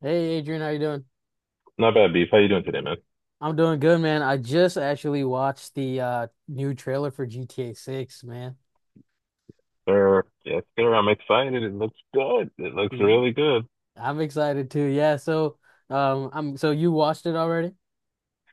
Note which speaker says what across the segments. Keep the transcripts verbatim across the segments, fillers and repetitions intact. Speaker 1: Hey Adrian, how you doing?
Speaker 2: Not bad, Beef. How you doing today, man?
Speaker 1: I'm doing good, man. I just actually watched the uh new trailer for G T A six, man.
Speaker 2: Sir, yes, sir. I'm excited. It looks good. It looks
Speaker 1: Mm,
Speaker 2: really good.
Speaker 1: I'm excited too. Yeah, so um I'm so you watched it already?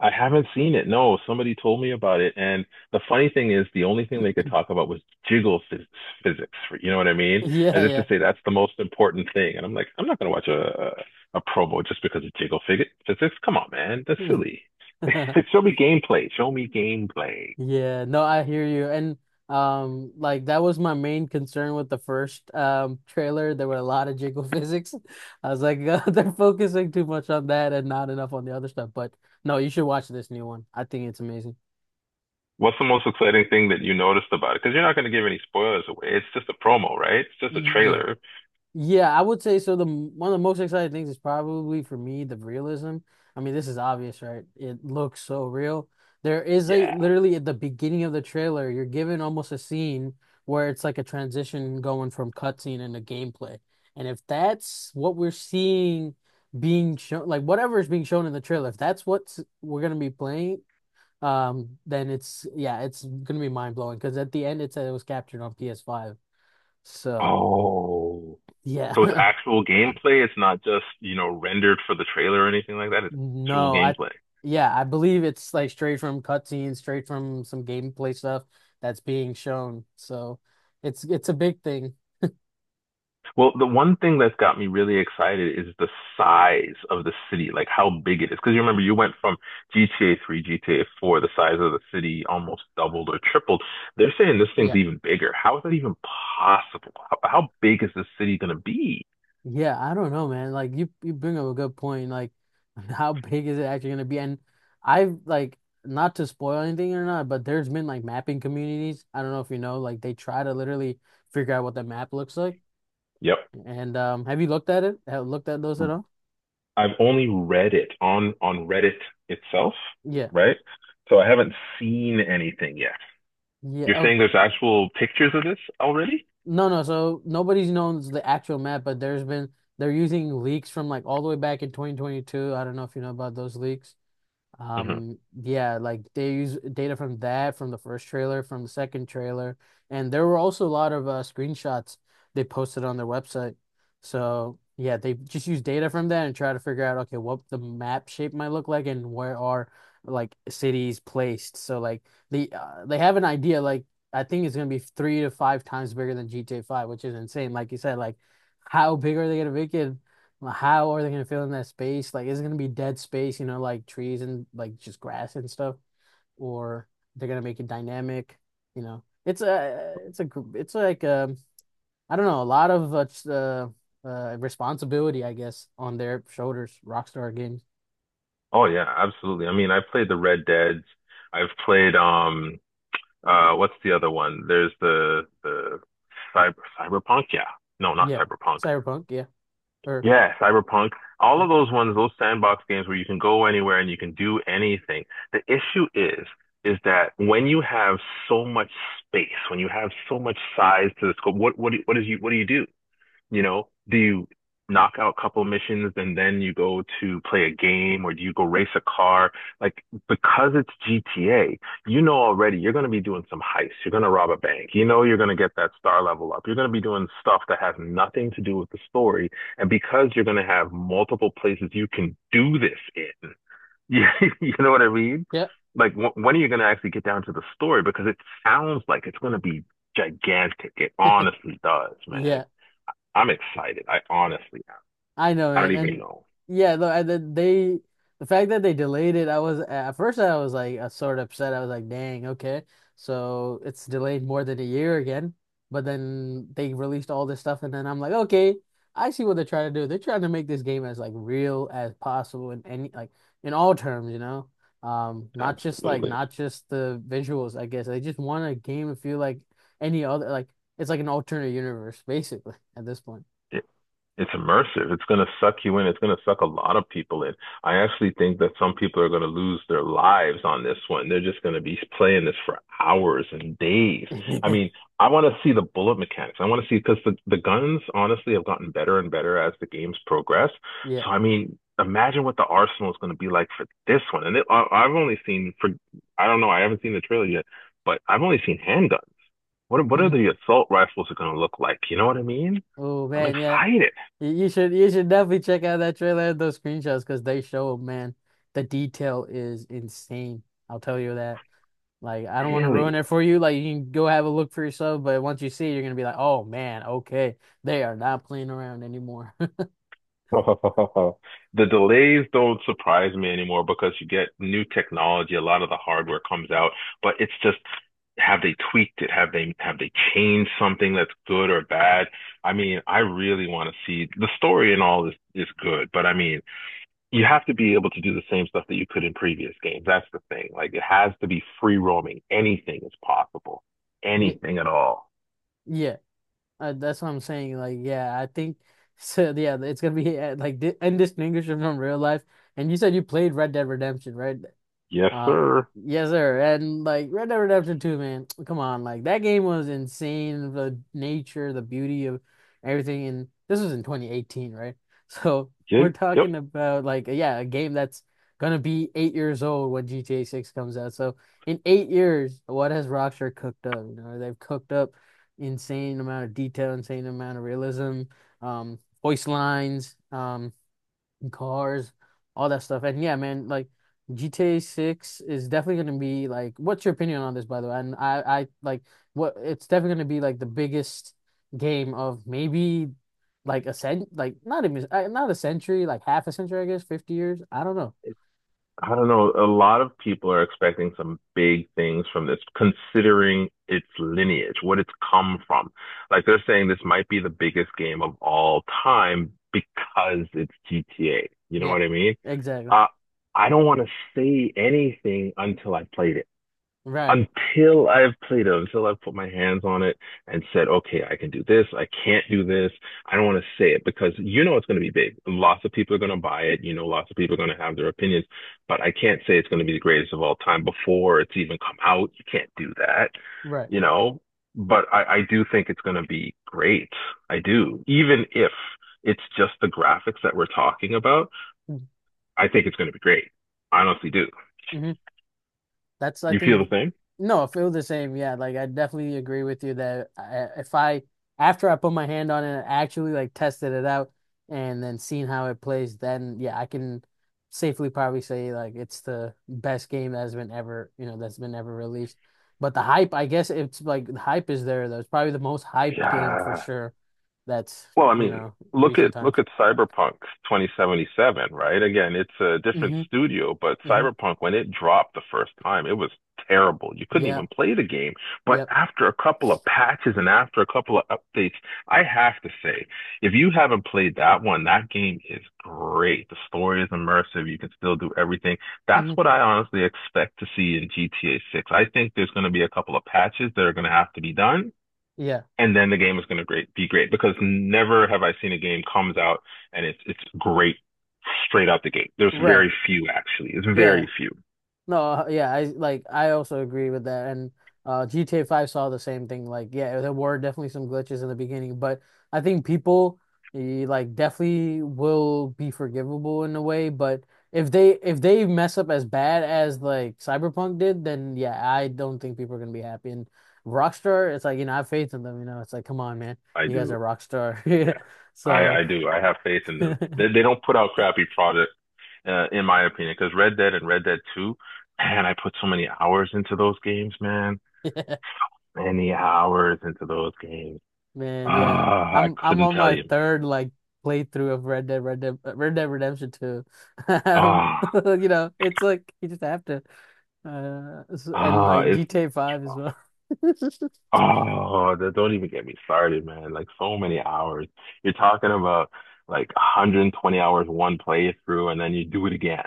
Speaker 2: I haven't seen it. No, somebody told me about it. And the funny thing is, the only thing they could talk about was jiggle phys physics. For, You know what I mean? As if to
Speaker 1: Yeah,
Speaker 2: say that's the most important thing. And I'm like, I'm not gonna watch a a, a promo just because of jiggle fig physics. Come on, man. That's
Speaker 1: yeah.
Speaker 2: silly. Like, show me gameplay. Show me gameplay.
Speaker 1: Yeah, no, I hear you. And um like that was my main concern with the first um trailer. There were a lot of jiggle physics. I was like, they're focusing too much on that and not enough on the other stuff. But no, you should watch this new one. I think it's amazing.
Speaker 2: What's the most exciting thing that you noticed about it? Because you're not gonna give any spoilers away. It's just a promo, right? It's just a
Speaker 1: Yeah.
Speaker 2: trailer.
Speaker 1: Yeah, I would say so. The m- one of the most exciting things is probably for me the realism. I mean, this is obvious, right? It looks so real. There is a
Speaker 2: Yeah.
Speaker 1: literally at the beginning of the trailer, you're given almost a scene where it's like a transition going from cutscene into gameplay. And if that's what we're seeing being shown, like whatever is being shown in the trailer, if that's what we're gonna be playing, um, then it's yeah, it's gonna be mind blowing because at the end it said it was captured on P S five. So
Speaker 2: Oh,
Speaker 1: yeah.
Speaker 2: so it's actual gameplay. It's not just, you know, rendered for the trailer or anything like that. It's actual
Speaker 1: No, I
Speaker 2: gameplay.
Speaker 1: yeah, I believe it's like straight from cutscenes, straight from some gameplay stuff that's being shown. So it's it's a big thing.
Speaker 2: Well, the one thing that's got me really excited is the size of the city, like how big it is. Because you remember you went from G T A three, G T A four, the size of the city almost doubled or tripled. They're saying this thing's
Speaker 1: Yeah.
Speaker 2: even bigger. How is that even possible? How, how big is this city going to be?
Speaker 1: Yeah, I don't know, man. Like you you bring up a good point. Like how big is it actually gonna be? And I've like not to spoil anything or not, but there's been like mapping communities. I don't know if you know, like they try to literally figure out what the map looks like.
Speaker 2: Yep.
Speaker 1: And um have you looked at it? Have looked at those at all?
Speaker 2: I've only read it on on Reddit itself,
Speaker 1: Yeah.
Speaker 2: right? So I haven't seen anything yet. You're
Speaker 1: Yeah.
Speaker 2: saying there's actual pictures of this already?
Speaker 1: No, no. So nobody's known the actual map, but there's been they're using leaks from like all the way back in twenty twenty-two. I don't know if you know about those leaks.
Speaker 2: hmm
Speaker 1: Um, yeah, like they use data from that, from the first trailer, from the second trailer, and there were also a lot of uh, screenshots they posted on their website. So yeah, they just use data from that and try to figure out okay what the map shape might look like and where are like cities placed. So like the uh, they have an idea. Like I think it's gonna be three to five times bigger than G T A five, which is insane. Like you said, like how big are they gonna make it? Like, how are they gonna fill in that space? Like, is it gonna be dead space, you know, like trees and like just grass and stuff? Or they're gonna make it dynamic, you know? It's a, it's a, it's like um, I don't know, a lot of uh, uh, uh, responsibility, I guess, on their shoulders. Rockstar Games,
Speaker 2: Oh yeah, absolutely. I mean, I played the Red Deads. I've played um uh what's the other one? There's the the cyber Cyberpunk, yeah. No, not
Speaker 1: yeah,
Speaker 2: Cyberpunk.
Speaker 1: Cyberpunk, yeah, or
Speaker 2: Yeah, Cyberpunk. All
Speaker 1: yeah,
Speaker 2: of those ones, those sandbox games where you can go anywhere and you can do anything. The issue is is that when you have so much space, when you have so much size to the scope, what what do- what is you what do you do? You know, do you knock out a couple missions and then you go to play a game or do you go race a car? Like, because it's G T A, you know already you're going to be doing some heists. You're going to rob a bank. You know, you're going to get that star level up. You're going to be doing stuff that has nothing to do with the story. And because you're going to have multiple places you can do this in, you, you know what I mean?
Speaker 1: yeah,
Speaker 2: Like, wh- when are you going to actually get down to the story? Because it sounds like it's going to be gigantic. It honestly does, man.
Speaker 1: yeah.
Speaker 2: I'm excited. I honestly,
Speaker 1: I know,
Speaker 2: I don't
Speaker 1: man.
Speaker 2: even
Speaker 1: And
Speaker 2: know.
Speaker 1: yeah, though. And then they the fact that they delayed it, I was at first I was like uh, sort of upset. I was like, dang, okay. So it's delayed more than a year again. But then they released all this stuff and then I'm like, okay, I see what they're trying to do. They're trying to make this game as like real as possible in any like in all terms, you know? Um, not just like
Speaker 2: Absolutely.
Speaker 1: not just the visuals, I guess. They just want a game to feel like any other like it's like an alternate universe, basically, at this point.
Speaker 2: Yeah. It's immersive. It's going to suck you in. It's going to suck a lot of people in. I actually think that some people are going to lose their lives on this one. They're just going to be playing this for hours and days. I mean, I want to see the bullet mechanics. I want to see because the, the guns honestly have gotten better and better as the games progress.
Speaker 1: Yeah.
Speaker 2: So, I mean, imagine what the arsenal is going to be like for this one. And it, I, I've only seen for, I don't know, I haven't seen the trailer yet, but I've only seen handguns. What, what are
Speaker 1: Mhm.
Speaker 2: the assault rifles are going to look like? You know what I mean?
Speaker 1: Oh
Speaker 2: I'm
Speaker 1: man, yeah.
Speaker 2: excited.
Speaker 1: You you should you should definitely check out that trailer and those screenshots because they show, man, the detail is insane. I'll tell you that. Like, I don't want to ruin
Speaker 2: Really?
Speaker 1: it for you. Like, you can go have a look for yourself, but once you see it, you're gonna be like, oh man, okay, they are not playing around anymore.
Speaker 2: The delays don't surprise me anymore because you get new technology, a lot of the hardware comes out, but it's just have they tweaked it? Have they have they changed something that's good or bad? I mean, I really want to see the story and all is is good, but I mean, you have to be able to do the same stuff that you could in previous games. That's the thing. Like it has to be free roaming. Anything is possible.
Speaker 1: Yeah,
Speaker 2: Anything at all.
Speaker 1: yeah, uh, that's what I'm saying. Like, yeah, I think so. Yeah, it's gonna be uh, like di indistinguishable from real life. And you said you played Red Dead Redemption, right?
Speaker 2: Yes,
Speaker 1: Um,
Speaker 2: sir.
Speaker 1: yes, sir. And like Red Dead Redemption two, man, come on, like that game was insane. The nature, the beauty of everything, and this was in twenty eighteen, right? So we're
Speaker 2: Gen- Yep.
Speaker 1: talking about like yeah, a game that's gonna be eight years old when G T A six comes out. So in eight years, what has Rockstar cooked up? You know, they've cooked up insane amount of detail, insane amount of realism, um, voice lines. um cars, all that stuff. And yeah, man, like G T A six is definitely going to be like, what's your opinion on this, by the way? And I, I like what it's definitely going to be like the biggest game of maybe like a cent, like not even uh, not a century, like half a century, I guess, fifty years. I don't know.
Speaker 2: I don't know. A lot of people are expecting some big things from this, considering its lineage, what it's come from. Like they're saying this might be the biggest game of all time because it's G T A. You know
Speaker 1: Yeah,
Speaker 2: what I mean?
Speaker 1: exactly.
Speaker 2: Uh, I don't want to say anything until I played it
Speaker 1: Right,
Speaker 2: until I've played it, until I've put my hands on it and said, okay, I can do this, I can't do this. I don't want to say it because you know it's going to be big. Lots of people are going to buy it. You know, lots of people are going to have their opinions, but I can't say it's going to be the greatest of all time before it's even come out. You can't do that,
Speaker 1: right.
Speaker 2: you know, but I, I do think it's going to be great. I do. Even if it's just the graphics that we're talking about, I think it's going to be great. I honestly do.
Speaker 1: Mhm. That's I
Speaker 2: You feel the
Speaker 1: think
Speaker 2: same?
Speaker 1: no, I feel the same. Yeah, like I definitely agree with you that I, if I after I put my hand on it, I actually like tested it out and then seen how it plays, then yeah, I can safely probably say like it's the best game that's been ever, you know, that's been ever released. But the hype, I guess it's like the hype is there though. It's probably the most hyped game for
Speaker 2: Yeah,
Speaker 1: sure that's,
Speaker 2: well, I
Speaker 1: you
Speaker 2: mean,
Speaker 1: know,
Speaker 2: look
Speaker 1: recent
Speaker 2: at look
Speaker 1: times.
Speaker 2: at Cyberpunk twenty seventy-seven, right? Again, it's a different
Speaker 1: Mm-hmm.
Speaker 2: studio, but
Speaker 1: Mm-hmm.
Speaker 2: Cyberpunk, when it dropped the first time, it was terrible. You couldn't
Speaker 1: Yeah.
Speaker 2: even play the game. But
Speaker 1: Yep.
Speaker 2: after a couple of patches and after a couple of updates, I have to say, if you haven't played that one, that game is great. The story is immersive. You can still do everything. That's
Speaker 1: Mm-hmm.
Speaker 2: what I honestly expect to see in G T A six. I think there's going to be a couple of patches that are going to have to be done
Speaker 1: Yeah.
Speaker 2: and then the game is going to great be great because never have I seen a game comes out and it's it's great straight out the gate. There's
Speaker 1: Right.
Speaker 2: very few actually. It's
Speaker 1: Yeah.
Speaker 2: very few.
Speaker 1: No, uh, yeah, I like I also agree with that. And uh G T A five saw the same thing. Like, yeah, there were definitely some glitches in the beginning, but I think people eh, like definitely will be forgivable in a way, but if they if they mess up as bad as like Cyberpunk did, then yeah, I don't think people are gonna be happy. And Rockstar, it's like, you know, I have faith in them, you know. It's like, come on, man.
Speaker 2: I
Speaker 1: You guys are
Speaker 2: do.
Speaker 1: Rockstar.
Speaker 2: Yeah, I
Speaker 1: So,
Speaker 2: I do. I have faith in
Speaker 1: yeah.
Speaker 2: them. They they don't put out crappy product uh, in my opinion because Red Dead and Red Dead Two, man, I put so many hours into those games, man. Many hours into those games.
Speaker 1: Man, yeah.
Speaker 2: Ah, uh, I
Speaker 1: I'm I'm
Speaker 2: couldn't
Speaker 1: on
Speaker 2: tell
Speaker 1: my
Speaker 2: you, man.
Speaker 1: third like playthrough of Red Dead Red Dead uh, Red Dead Redemption two. Um,
Speaker 2: Ah,
Speaker 1: you know, it's like you just have to uh s-
Speaker 2: uh,
Speaker 1: and
Speaker 2: ah,
Speaker 1: like
Speaker 2: it's
Speaker 1: G T A
Speaker 2: it's
Speaker 1: five as
Speaker 2: rough.
Speaker 1: well.
Speaker 2: Oh, that don't even get me started, man. Like so many hours. You're talking about like one hundred twenty hours one playthrough and then you do it again.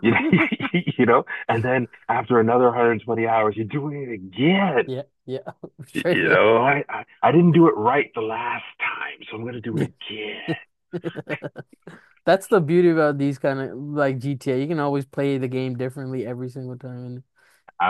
Speaker 2: You know, you know, and then after another one hundred twenty hours, you're doing it again.
Speaker 1: Yeah, yeah.
Speaker 2: Y-
Speaker 1: Straight
Speaker 2: You
Speaker 1: up.
Speaker 2: know, I, I, I didn't do it right the last time, so I'm gonna do it
Speaker 1: Yeah.
Speaker 2: again.
Speaker 1: That's the beauty about these kind of like G T A. You can always play the game differently every single time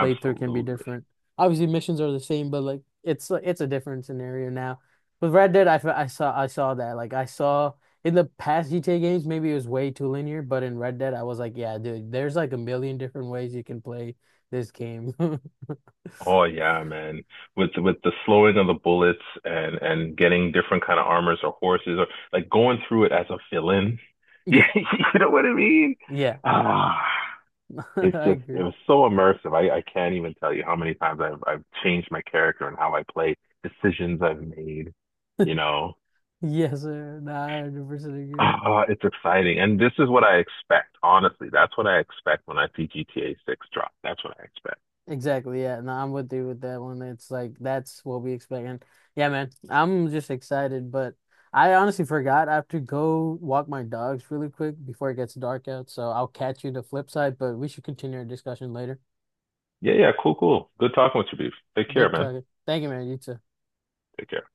Speaker 1: playthrough can be different. Obviously, missions are the same, but like it's it's a different scenario now. With Red Dead, I, I saw I saw that. Like I saw in the past G T A games, maybe it was way too linear, but in Red Dead, I was like, yeah, dude, there's like a million different ways you can play this game.
Speaker 2: Oh yeah, man. With with the slowing of the bullets and and getting different kind of armors or horses or like going through it as a villain. You
Speaker 1: Yeah,
Speaker 2: know what I mean?
Speaker 1: yeah,
Speaker 2: Ah, it's
Speaker 1: I
Speaker 2: just it
Speaker 1: agree.
Speaker 2: was so immersive. I I can't even tell you how many times I've I've changed my character and how I play, decisions I've made, you know.
Speaker 1: Yes, sir. Nah, I one hundred percent agree.
Speaker 2: Ah, it's exciting. And this is what I expect, honestly. That's what I expect when I see G T A six drop. That's what I expect.
Speaker 1: Exactly, yeah. No, I'm with you with that one. It's like that's what we expect. And yeah, man, I'm just excited, but I honestly forgot I have to go walk my dogs really quick before it gets dark out. So I'll catch you the flip side, but we should continue our discussion later.
Speaker 2: Yeah, yeah, cool, cool. Good talking with you, Beef. Take care,
Speaker 1: Good
Speaker 2: man.
Speaker 1: talking. Thank you, man. You too.
Speaker 2: Take care.